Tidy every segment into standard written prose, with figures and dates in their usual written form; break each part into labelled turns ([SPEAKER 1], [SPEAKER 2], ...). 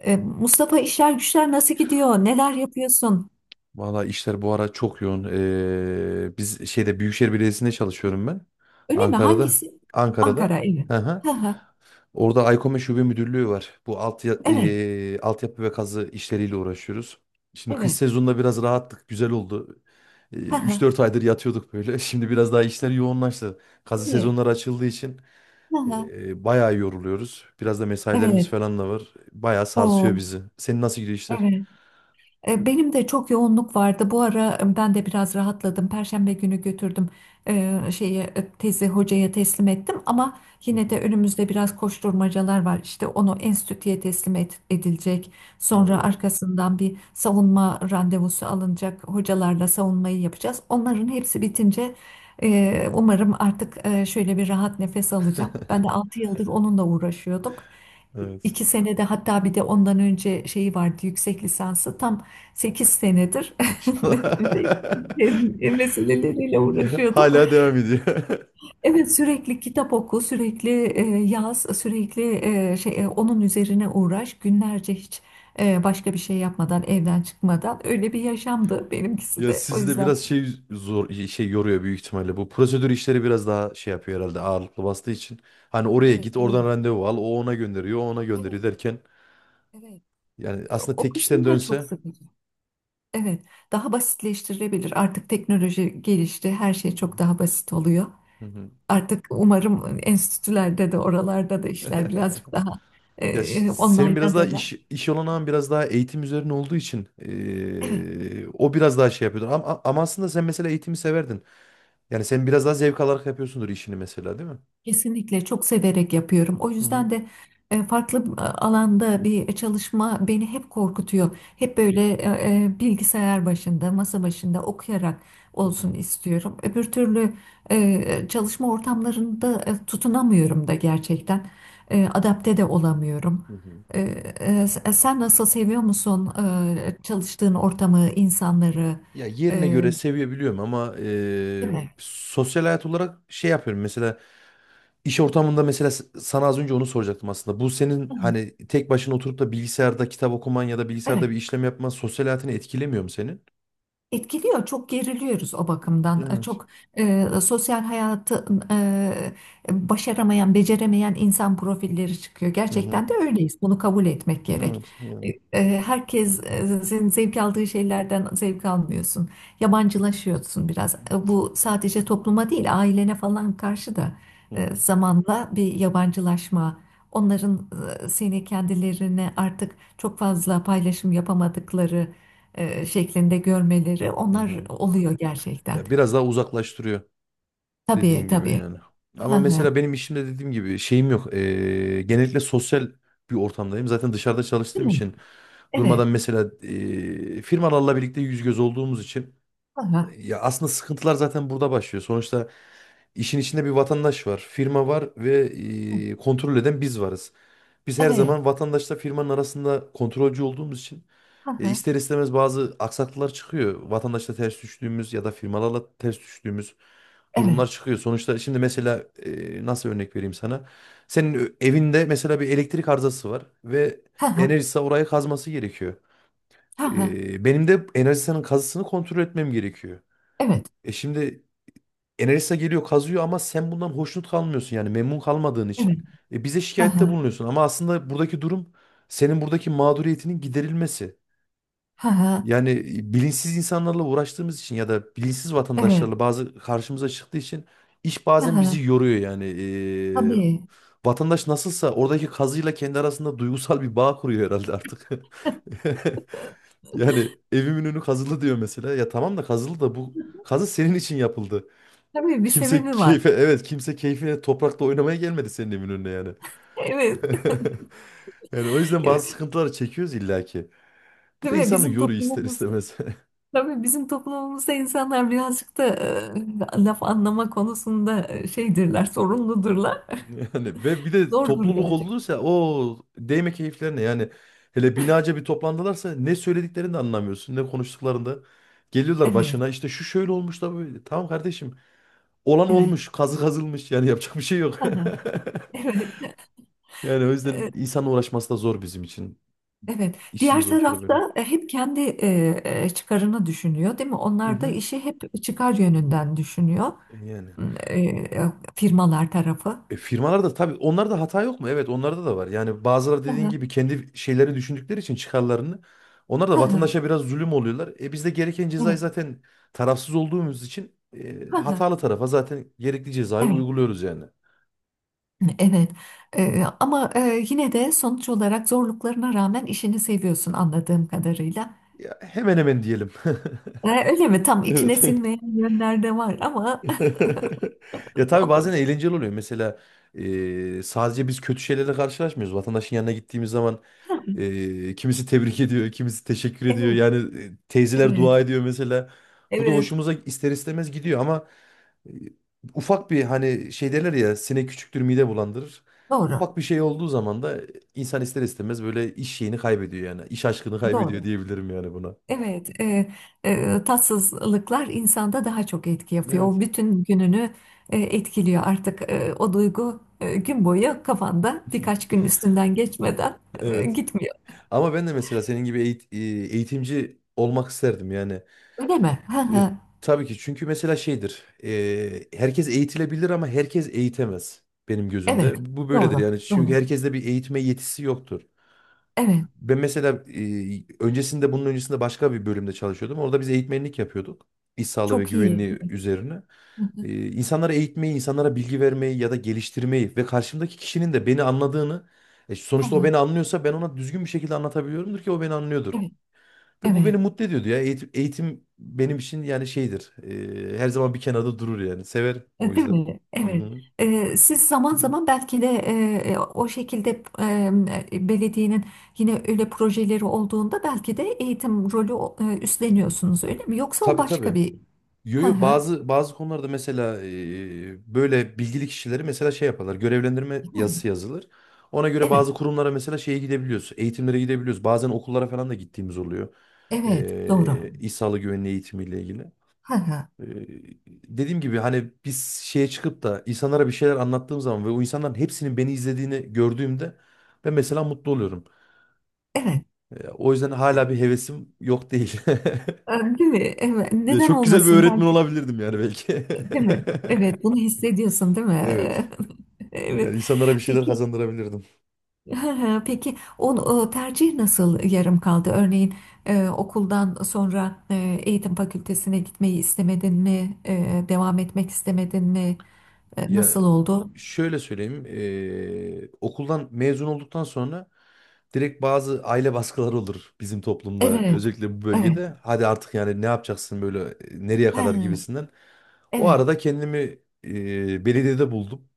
[SPEAKER 1] Mustafa, işler güçler nasıl gidiyor? Neler yapıyorsun?
[SPEAKER 2] Valla işler bu ara çok yoğun. Biz Büyükşehir Belediyesi'nde çalışıyorum ben.
[SPEAKER 1] Öyle mi?
[SPEAKER 2] Ankara'da.
[SPEAKER 1] Hangisi? Ankara,
[SPEAKER 2] Ankara'da.
[SPEAKER 1] evet.
[SPEAKER 2] Hı hı.
[SPEAKER 1] Hı hı.
[SPEAKER 2] Orada Aykome Şube Müdürlüğü var. Bu
[SPEAKER 1] Evet,
[SPEAKER 2] altyapı ve kazı işleriyle uğraşıyoruz. Şimdi kış
[SPEAKER 1] evet.
[SPEAKER 2] sezonunda biraz rahattık. Güzel oldu.
[SPEAKER 1] Hı hı.
[SPEAKER 2] 3-4 aydır yatıyorduk böyle. Şimdi biraz daha işler yoğunlaştı. Kazı
[SPEAKER 1] Evet,
[SPEAKER 2] sezonları açıldığı için
[SPEAKER 1] hı hı.
[SPEAKER 2] bayağı yoruluyoruz. Biraz da mesailerimiz
[SPEAKER 1] Evet.
[SPEAKER 2] falan da var. Bayağı sarsıyor
[SPEAKER 1] O,
[SPEAKER 2] bizi. Senin nasıl gidiyor işler?
[SPEAKER 1] evet. Benim de çok yoğunluk vardı. Bu ara ben de biraz rahatladım. Perşembe günü götürdüm şeyi tezi hocaya teslim ettim, ama
[SPEAKER 2] Hı
[SPEAKER 1] yine de
[SPEAKER 2] hı.
[SPEAKER 1] önümüzde biraz koşturmacalar var. İşte onu enstitüye edilecek. Sonra
[SPEAKER 2] Oo.
[SPEAKER 1] arkasından bir savunma randevusu alınacak. Hocalarla savunmayı yapacağız. Onların hepsi bitince umarım artık şöyle bir rahat nefes alacağım. Ben de 6 yıldır onunla uğraşıyordum.
[SPEAKER 2] Evet.
[SPEAKER 1] 2 senede hatta bir de ondan önce şeyi vardı yüksek lisansı. Tam 8 senedir
[SPEAKER 2] Maşallah.
[SPEAKER 1] meseleleriyle
[SPEAKER 2] Ya,
[SPEAKER 1] uğraşıyordum.
[SPEAKER 2] hala devam ediyor.
[SPEAKER 1] Evet, sürekli kitap oku, sürekli yaz, sürekli şey onun üzerine uğraş. Günlerce hiç başka bir şey yapmadan, evden çıkmadan öyle bir yaşamdı benimkisi
[SPEAKER 2] Ya
[SPEAKER 1] de. O
[SPEAKER 2] sizi de
[SPEAKER 1] yüzden
[SPEAKER 2] biraz zor yoruyor büyük ihtimalle. Bu prosedür işleri biraz daha yapıyor herhalde ağırlıklı bastığı için. Hani oraya git,
[SPEAKER 1] evet,
[SPEAKER 2] oradan randevu al, o ona gönderiyor, o ona gönderiyor
[SPEAKER 1] evet,
[SPEAKER 2] derken
[SPEAKER 1] evet.
[SPEAKER 2] yani aslında
[SPEAKER 1] O
[SPEAKER 2] tek kişiden
[SPEAKER 1] kısmı da çok
[SPEAKER 2] dönse.
[SPEAKER 1] sıkıcı. Evet, daha basitleştirilebilir. Artık teknoloji gelişti, her şey çok daha basit oluyor.
[SPEAKER 2] Hı hı.
[SPEAKER 1] Artık umarım enstitülerde de oralarda da işler birazcık daha
[SPEAKER 2] Senin biraz
[SPEAKER 1] online'a
[SPEAKER 2] daha
[SPEAKER 1] döner.
[SPEAKER 2] iş olanağın biraz daha eğitim üzerine olduğu için
[SPEAKER 1] Evet.
[SPEAKER 2] o biraz daha yapıyordur. Ama aslında sen mesela eğitimi severdin. Yani sen biraz daha zevk alarak yapıyorsundur işini mesela, değil mi?
[SPEAKER 1] Kesinlikle çok severek yapıyorum. O
[SPEAKER 2] Hı hı.
[SPEAKER 1] yüzden de farklı alanda bir çalışma beni hep korkutuyor. Hep böyle bilgisayar başında, masa başında okuyarak
[SPEAKER 2] Hı
[SPEAKER 1] olsun
[SPEAKER 2] hı.
[SPEAKER 1] istiyorum. Öbür türlü çalışma ortamlarında tutunamıyorum da gerçekten. Adapte de olamıyorum.
[SPEAKER 2] Hı hı.
[SPEAKER 1] E, Sen nasıl, seviyor musun çalıştığın ortamı, insanları?
[SPEAKER 2] Ya yerine
[SPEAKER 1] E,
[SPEAKER 2] göre sevebiliyorum ama
[SPEAKER 1] Değil mi?
[SPEAKER 2] sosyal hayat olarak yapıyorum. Mesela iş ortamında mesela sana az önce onu soracaktım aslında. Bu senin hani tek başına oturup da bilgisayarda kitap okuman ya da bilgisayarda
[SPEAKER 1] Evet.
[SPEAKER 2] bir işlem yapman sosyal hayatını etkilemiyor mu senin?
[SPEAKER 1] Etkiliyor, çok geriliyoruz o bakımdan.
[SPEAKER 2] Evet.
[SPEAKER 1] Çok sosyal hayatı e, başaramayan, beceremeyen insan profilleri çıkıyor.
[SPEAKER 2] Hı hı.
[SPEAKER 1] Gerçekten de öyleyiz. Bunu kabul etmek gerek.
[SPEAKER 2] Evet yani.
[SPEAKER 1] Herkesin zevk aldığı şeylerden zevk almıyorsun. Yabancılaşıyorsun biraz. Bu sadece topluma değil, ailene falan karşı da
[SPEAKER 2] Hı hı.
[SPEAKER 1] zamanla bir yabancılaşma. Onların seni kendilerine artık çok fazla paylaşım yapamadıkları şeklinde görmeleri
[SPEAKER 2] Hı
[SPEAKER 1] onlar
[SPEAKER 2] hı.
[SPEAKER 1] oluyor gerçekten.
[SPEAKER 2] Ya biraz daha uzaklaştırıyor.
[SPEAKER 1] Tabii,
[SPEAKER 2] Dediğin gibi
[SPEAKER 1] tabii.
[SPEAKER 2] yani.
[SPEAKER 1] Hı
[SPEAKER 2] Ama mesela
[SPEAKER 1] hı.
[SPEAKER 2] benim işimde dediğim gibi şeyim yok. Genellikle sosyal bir ortamdayım. Zaten dışarıda
[SPEAKER 1] Değil
[SPEAKER 2] çalıştığım
[SPEAKER 1] mi?
[SPEAKER 2] için
[SPEAKER 1] Evet.
[SPEAKER 2] durmadan mesela firmalarla birlikte yüz göz olduğumuz için
[SPEAKER 1] Hı hı.
[SPEAKER 2] ya aslında sıkıntılar zaten burada başlıyor. Sonuçta işin içinde bir vatandaş var, firma var ve kontrol eden biz varız. Biz her
[SPEAKER 1] Evet.
[SPEAKER 2] zaman vatandaşla firmanın arasında kontrolcü olduğumuz için
[SPEAKER 1] Hı hı.
[SPEAKER 2] ister istemez bazı aksaklıklar çıkıyor. Vatandaşla ters düştüğümüz ya da firmalarla ters düştüğümüz
[SPEAKER 1] Evet.
[SPEAKER 2] durumlar çıkıyor. Sonuçta şimdi mesela, nasıl örnek vereyim sana? Evinde mesela bir elektrik arızası var ve
[SPEAKER 1] Hı hı.
[SPEAKER 2] Enerjisa orayı kazması gerekiyor.
[SPEAKER 1] Hı hı.
[SPEAKER 2] Benim de Enerjisa'nın kazısını kontrol etmem gerekiyor.
[SPEAKER 1] Evet.
[SPEAKER 2] Şimdi Enerjisa geliyor kazıyor ama sen bundan hoşnut kalmıyorsun, yani memnun kalmadığın
[SPEAKER 1] Evet.
[SPEAKER 2] için bize
[SPEAKER 1] Hı
[SPEAKER 2] şikayette
[SPEAKER 1] hı.
[SPEAKER 2] bulunuyorsun. Ama aslında buradaki durum senin buradaki mağduriyetinin giderilmesi.
[SPEAKER 1] Hı hı.
[SPEAKER 2] Yani bilinçsiz insanlarla uğraştığımız için ya da bilinçsiz
[SPEAKER 1] Evet.
[SPEAKER 2] vatandaşlarla bazı karşımıza çıktığı için iş
[SPEAKER 1] Hı
[SPEAKER 2] bazen
[SPEAKER 1] hı.
[SPEAKER 2] bizi yoruyor yani.
[SPEAKER 1] Tabii.
[SPEAKER 2] Vatandaş nasılsa oradaki kazıyla kendi arasında duygusal bir bağ kuruyor herhalde artık. Yani evimin önü kazılı diyor mesela. Ya tamam da kazılı da bu kazı senin için yapıldı.
[SPEAKER 1] Tabii bir
[SPEAKER 2] Kimse
[SPEAKER 1] sebebi var.
[SPEAKER 2] keyfe, evet, kimse keyfine toprakla oynamaya gelmedi senin evin önüne yani.
[SPEAKER 1] Evet.
[SPEAKER 2] Yani o yüzden bazı
[SPEAKER 1] Evet.
[SPEAKER 2] sıkıntıları çekiyoruz illaki. Bu
[SPEAKER 1] Değil
[SPEAKER 2] da
[SPEAKER 1] mi?
[SPEAKER 2] insanı
[SPEAKER 1] Bizim
[SPEAKER 2] yoruyor ister
[SPEAKER 1] toplumumuz
[SPEAKER 2] istemez.
[SPEAKER 1] tabii bizim toplumumuzda insanlar birazcık da laf anlama konusunda şeydirler, sorunludurlar.
[SPEAKER 2] Yani ve bir de
[SPEAKER 1] Zordur
[SPEAKER 2] topluluk
[SPEAKER 1] gerçekten.
[SPEAKER 2] olursa o değme keyiflerine, yani hele binaca bir toplandılarsa ne söylediklerini de anlamıyorsun ne konuştuklarında. Geliyorlar
[SPEAKER 1] Evet.
[SPEAKER 2] başına, işte şu şöyle olmuş da böyle. Tamam kardeşim, olan
[SPEAKER 1] Evet.
[SPEAKER 2] olmuş, kazı kazılmış, yani yapacak bir şey yok.
[SPEAKER 1] Hı. Evet.
[SPEAKER 2] Yani o yüzden
[SPEAKER 1] E,
[SPEAKER 2] insan uğraşması da zor bizim için.
[SPEAKER 1] Evet.
[SPEAKER 2] İşimiz
[SPEAKER 1] Diğer
[SPEAKER 2] olur böyle.
[SPEAKER 1] tarafta hep kendi çıkarını düşünüyor, değil mi?
[SPEAKER 2] Hı
[SPEAKER 1] Onlar da
[SPEAKER 2] hı.
[SPEAKER 1] işi hep çıkar yönünden düşünüyor.
[SPEAKER 2] Yani.
[SPEAKER 1] Firmalar tarafı.
[SPEAKER 2] Firmalarda tabii, onlarda hata yok mu? Evet, onlarda da var. Yani bazıları
[SPEAKER 1] Hı
[SPEAKER 2] dediğin
[SPEAKER 1] hı,
[SPEAKER 2] gibi kendi şeylerini düşündükleri için, çıkarlarını. Onlar da
[SPEAKER 1] hı hı.
[SPEAKER 2] vatandaşa biraz zulüm oluyorlar. E biz de gereken cezayı
[SPEAKER 1] Evet.
[SPEAKER 2] zaten tarafsız olduğumuz için
[SPEAKER 1] Hı hı.
[SPEAKER 2] hatalı tarafa zaten gerekli cezayı
[SPEAKER 1] Evet.
[SPEAKER 2] uyguluyoruz yani.
[SPEAKER 1] Evet. Ama yine de sonuç olarak zorluklarına rağmen işini seviyorsun, anladığım kadarıyla.
[SPEAKER 2] Ya, hemen hemen diyelim.
[SPEAKER 1] Öyle mi? Tam içine
[SPEAKER 2] Evet.
[SPEAKER 1] sinmeyen yönler de var, ama
[SPEAKER 2] Ya tabii
[SPEAKER 1] doğru.
[SPEAKER 2] bazen eğlenceli oluyor. Mesela sadece biz kötü şeylerle karşılaşmıyoruz. Vatandaşın yanına gittiğimiz zaman kimisi tebrik ediyor, kimisi teşekkür ediyor.
[SPEAKER 1] Evet.
[SPEAKER 2] Yani teyzeler
[SPEAKER 1] Evet.
[SPEAKER 2] dua ediyor mesela. Bu da
[SPEAKER 1] Evet.
[SPEAKER 2] hoşumuza ister istemez gidiyor ama e, ufak bir, hani şey derler ya, sinek küçüktür mide bulandırır.
[SPEAKER 1] Doğru.
[SPEAKER 2] Ufak bir şey olduğu zaman da insan ister istemez böyle iş şeyini kaybediyor yani. İş aşkını kaybediyor
[SPEAKER 1] Doğru.
[SPEAKER 2] diyebilirim yani buna.
[SPEAKER 1] Evet, tatsızlıklar insanda daha çok etki yapıyor. O
[SPEAKER 2] Evet.
[SPEAKER 1] bütün gününü etkiliyor artık. O duygu gün boyu kafanda, birkaç gün üstünden geçmeden
[SPEAKER 2] Evet.
[SPEAKER 1] gitmiyor.
[SPEAKER 2] Ama ben de mesela senin gibi eğitimci olmak isterdim yani.
[SPEAKER 1] Öyle mi? Hı
[SPEAKER 2] E,
[SPEAKER 1] hı.
[SPEAKER 2] tabii ki, çünkü mesela şeydir. Herkes eğitilebilir ama herkes eğitemez benim
[SPEAKER 1] Evet,
[SPEAKER 2] gözümde. Bu böyledir
[SPEAKER 1] doğru,
[SPEAKER 2] yani. Çünkü
[SPEAKER 1] doğru.
[SPEAKER 2] herkeste bir eğitme yetisi yoktur.
[SPEAKER 1] Evet,
[SPEAKER 2] Ben mesela öncesinde, bunun öncesinde başka bir bölümde çalışıyordum. Orada biz eğitmenlik yapıyorduk. İş sağlığı ve
[SPEAKER 1] çok iyi.
[SPEAKER 2] güvenliği
[SPEAKER 1] Evet.
[SPEAKER 2] üzerine.
[SPEAKER 1] Hı hı.
[SPEAKER 2] İnsanlara eğitmeyi, insanlara bilgi vermeyi ya da geliştirmeyi ve karşımdaki kişinin de beni anladığını,
[SPEAKER 1] Hı
[SPEAKER 2] sonuçta o
[SPEAKER 1] hı.
[SPEAKER 2] beni anlıyorsa ben ona düzgün bir şekilde anlatabiliyorumdur ki o beni anlıyordur.
[SPEAKER 1] Evet.
[SPEAKER 2] Ve bu
[SPEAKER 1] Evet.
[SPEAKER 2] beni mutlu ediyordu ya. Eğitim, eğitim benim için yani şeydir. Her zaman bir kenarda durur yani. Severim o
[SPEAKER 1] Değil
[SPEAKER 2] yüzden.
[SPEAKER 1] mi?
[SPEAKER 2] Hı
[SPEAKER 1] Evet.
[SPEAKER 2] hı.
[SPEAKER 1] Siz zaman zaman belki de o şekilde belediyenin yine öyle projeleri olduğunda belki de eğitim rolü üstleniyorsunuz, öyle mi? Yoksa o
[SPEAKER 2] Tabii tabii.
[SPEAKER 1] başka bir...
[SPEAKER 2] Yo
[SPEAKER 1] Hı
[SPEAKER 2] yo,
[SPEAKER 1] hı.
[SPEAKER 2] bazı konularda mesela böyle bilgili kişileri mesela yaparlar. Görevlendirme yazısı yazılır. Ona göre
[SPEAKER 1] Evet,
[SPEAKER 2] bazı kurumlara mesela gidebiliyoruz. Eğitimlere gidebiliyoruz. Bazen okullara falan da gittiğimiz oluyor.
[SPEAKER 1] evet, doğru.
[SPEAKER 2] E, İş Sağlığı Güvenliği eğitimiyle ilgili.
[SPEAKER 1] Hı hı.
[SPEAKER 2] Ee, Dediğim gibi, hani biz çıkıp da insanlara bir şeyler anlattığım zaman ve o insanların hepsinin beni izlediğini gördüğümde ben mesela mutlu oluyorum.
[SPEAKER 1] Evet.
[SPEAKER 2] O yüzden hala bir hevesim yok değil.
[SPEAKER 1] Ee, Değil mi? Evet.
[SPEAKER 2] Ya,
[SPEAKER 1] Neden
[SPEAKER 2] çok güzel bir
[SPEAKER 1] olmasın,
[SPEAKER 2] öğretmen
[SPEAKER 1] belki?
[SPEAKER 2] olabilirdim yani belki.
[SPEAKER 1] Değil mi? Evet, bunu hissediyorsun, değil mi?
[SPEAKER 2] Evet.
[SPEAKER 1] Evet.
[SPEAKER 2] Yani insanlara bir şeyler
[SPEAKER 1] Peki.
[SPEAKER 2] kazandırabilirdim.
[SPEAKER 1] Hı hı. Peki, o tercih nasıl yarım kaldı? Örneğin okuldan sonra eğitim fakültesine gitmeyi istemedin mi? Devam etmek istemedin mi?
[SPEAKER 2] Ya
[SPEAKER 1] Nasıl oldu?
[SPEAKER 2] şöyle söyleyeyim, okuldan mezun olduktan sonra direkt bazı aile baskıları olur bizim toplumda,
[SPEAKER 1] Evet,
[SPEAKER 2] özellikle bu
[SPEAKER 1] evet.
[SPEAKER 2] bölgede. Hadi artık yani ne yapacaksın böyle, nereye
[SPEAKER 1] Ha,
[SPEAKER 2] kadar gibisinden. O
[SPEAKER 1] evet,
[SPEAKER 2] arada kendimi belediyede buldum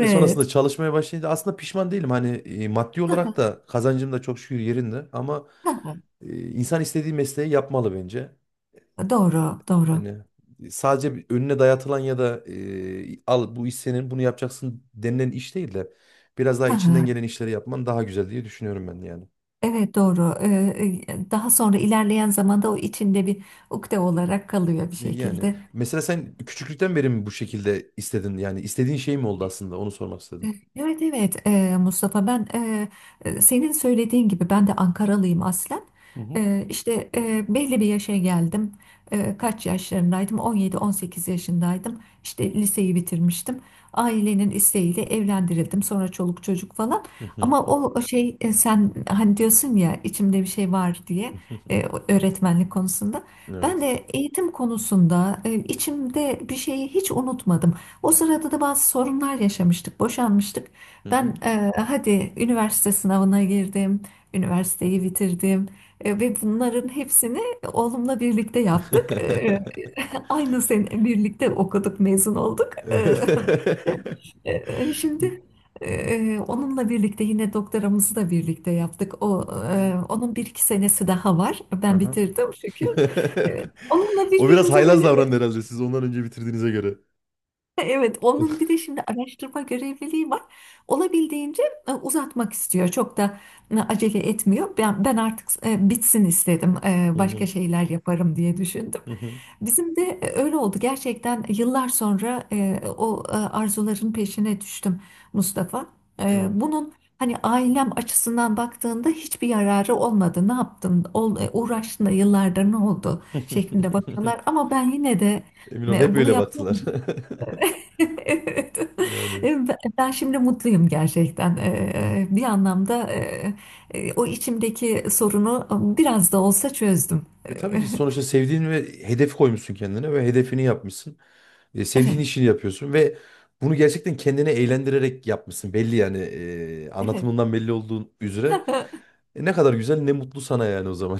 [SPEAKER 2] ve sonrasında çalışmaya başlayınca aslında pişman değilim. Hani maddi olarak da kazancım da çok şükür yerinde ama
[SPEAKER 1] Ha,
[SPEAKER 2] insan istediği mesleği yapmalı bence.
[SPEAKER 1] doğru, doğru.
[SPEAKER 2] Yani sadece bir önüne dayatılan ya da, al bu iş senin, bunu yapacaksın denilen iş değil de biraz daha içinden
[SPEAKER 1] Ha,
[SPEAKER 2] gelen işleri yapman daha güzel diye düşünüyorum ben yani.
[SPEAKER 1] evet, doğru. Daha sonra ilerleyen zamanda o içinde bir ukde olarak kalıyor bir
[SPEAKER 2] Yani
[SPEAKER 1] şekilde.
[SPEAKER 2] mesela sen küçüklükten beri mi bu şekilde istedin, yani istediğin şey mi oldu aslında, onu sormak istedim.
[SPEAKER 1] Evet, evet, Mustafa, ben senin söylediğin gibi ben de Ankaralıyım aslen.
[SPEAKER 2] Hı hı.
[SPEAKER 1] İşte belli bir yaşa geldim. Kaç yaşlarındaydım? 17-18 yaşındaydım. İşte liseyi bitirmiştim. Ailenin isteğiyle evlendirildim. Sonra çoluk çocuk falan.
[SPEAKER 2] Hı hı.
[SPEAKER 1] Ama o şey, sen hani diyorsun ya, içimde bir şey var diye e, öğretmenlik konusunda. Ben
[SPEAKER 2] Evet.
[SPEAKER 1] de eğitim konusunda içimde bir şeyi hiç unutmadım. O sırada da bazı sorunlar yaşamıştık, boşanmıştık.
[SPEAKER 2] Hı
[SPEAKER 1] Ben
[SPEAKER 2] hı.
[SPEAKER 1] hadi üniversite sınavına girdim, üniversiteyi bitirdim. Ve bunların hepsini oğlumla birlikte yaptık. Aynı sene birlikte okuduk, mezun olduk.
[SPEAKER 2] Evet.
[SPEAKER 1] İşte, şimdi onunla birlikte yine doktoramızı da birlikte yaptık. O,
[SPEAKER 2] Hmm.
[SPEAKER 1] onun bir iki senesi daha var. Ben
[SPEAKER 2] Aha.
[SPEAKER 1] bitirdim şükür. E, Onunla
[SPEAKER 2] O biraz
[SPEAKER 1] birbirimize
[SPEAKER 2] haylaz
[SPEAKER 1] böyle...
[SPEAKER 2] davrandı herhalde, siz ondan önce bitirdiğinize göre.
[SPEAKER 1] Evet, onun bir de şimdi araştırma görevliliği var. Olabildiğince uzatmak istiyor. Çok da acele etmiyor. Ben artık bitsin istedim.
[SPEAKER 2] Hı
[SPEAKER 1] Başka
[SPEAKER 2] hı.
[SPEAKER 1] şeyler yaparım diye düşündüm.
[SPEAKER 2] Hı hı.
[SPEAKER 1] Bizim de öyle oldu. Gerçekten yıllar sonra o arzuların peşine düştüm, Mustafa.
[SPEAKER 2] Evet.
[SPEAKER 1] Bunun, hani, ailem açısından baktığında hiçbir yararı olmadı. Ne yaptın? Uğraştın da yıllardır ne oldu, şeklinde bakıyorlar. Ama ben yine de
[SPEAKER 2] Emin ol hep
[SPEAKER 1] bunu
[SPEAKER 2] öyle
[SPEAKER 1] yaptım.
[SPEAKER 2] baktılar.
[SPEAKER 1] Evet.
[SPEAKER 2] Yani,
[SPEAKER 1] Ben şimdi mutluyum gerçekten. Bir anlamda o içimdeki sorunu biraz da olsa çözdüm.
[SPEAKER 2] E tabii ki sonuçta sevdiğin ve hedef koymuşsun kendine ve hedefini yapmışsın. Sevdiğin
[SPEAKER 1] Evet,
[SPEAKER 2] işini yapıyorsun ve bunu gerçekten kendini eğlendirerek yapmışsın. Belli yani,
[SPEAKER 1] evet.
[SPEAKER 2] anlatımından belli olduğun üzere. E, ne kadar güzel, ne mutlu sana yani o zaman.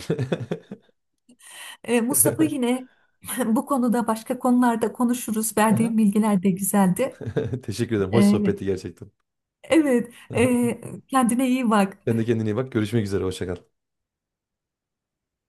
[SPEAKER 1] Mustafa, yine bu konuda, başka konularda konuşuruz.
[SPEAKER 2] Aha.
[SPEAKER 1] Verdiğim bilgiler de güzeldi.
[SPEAKER 2] Teşekkür ederim. Hoş
[SPEAKER 1] Ee,
[SPEAKER 2] sohbetti gerçekten.
[SPEAKER 1] Evet, kendine iyi bak.
[SPEAKER 2] Sen de kendine iyi bak. Görüşmek üzere. Hoşça kal.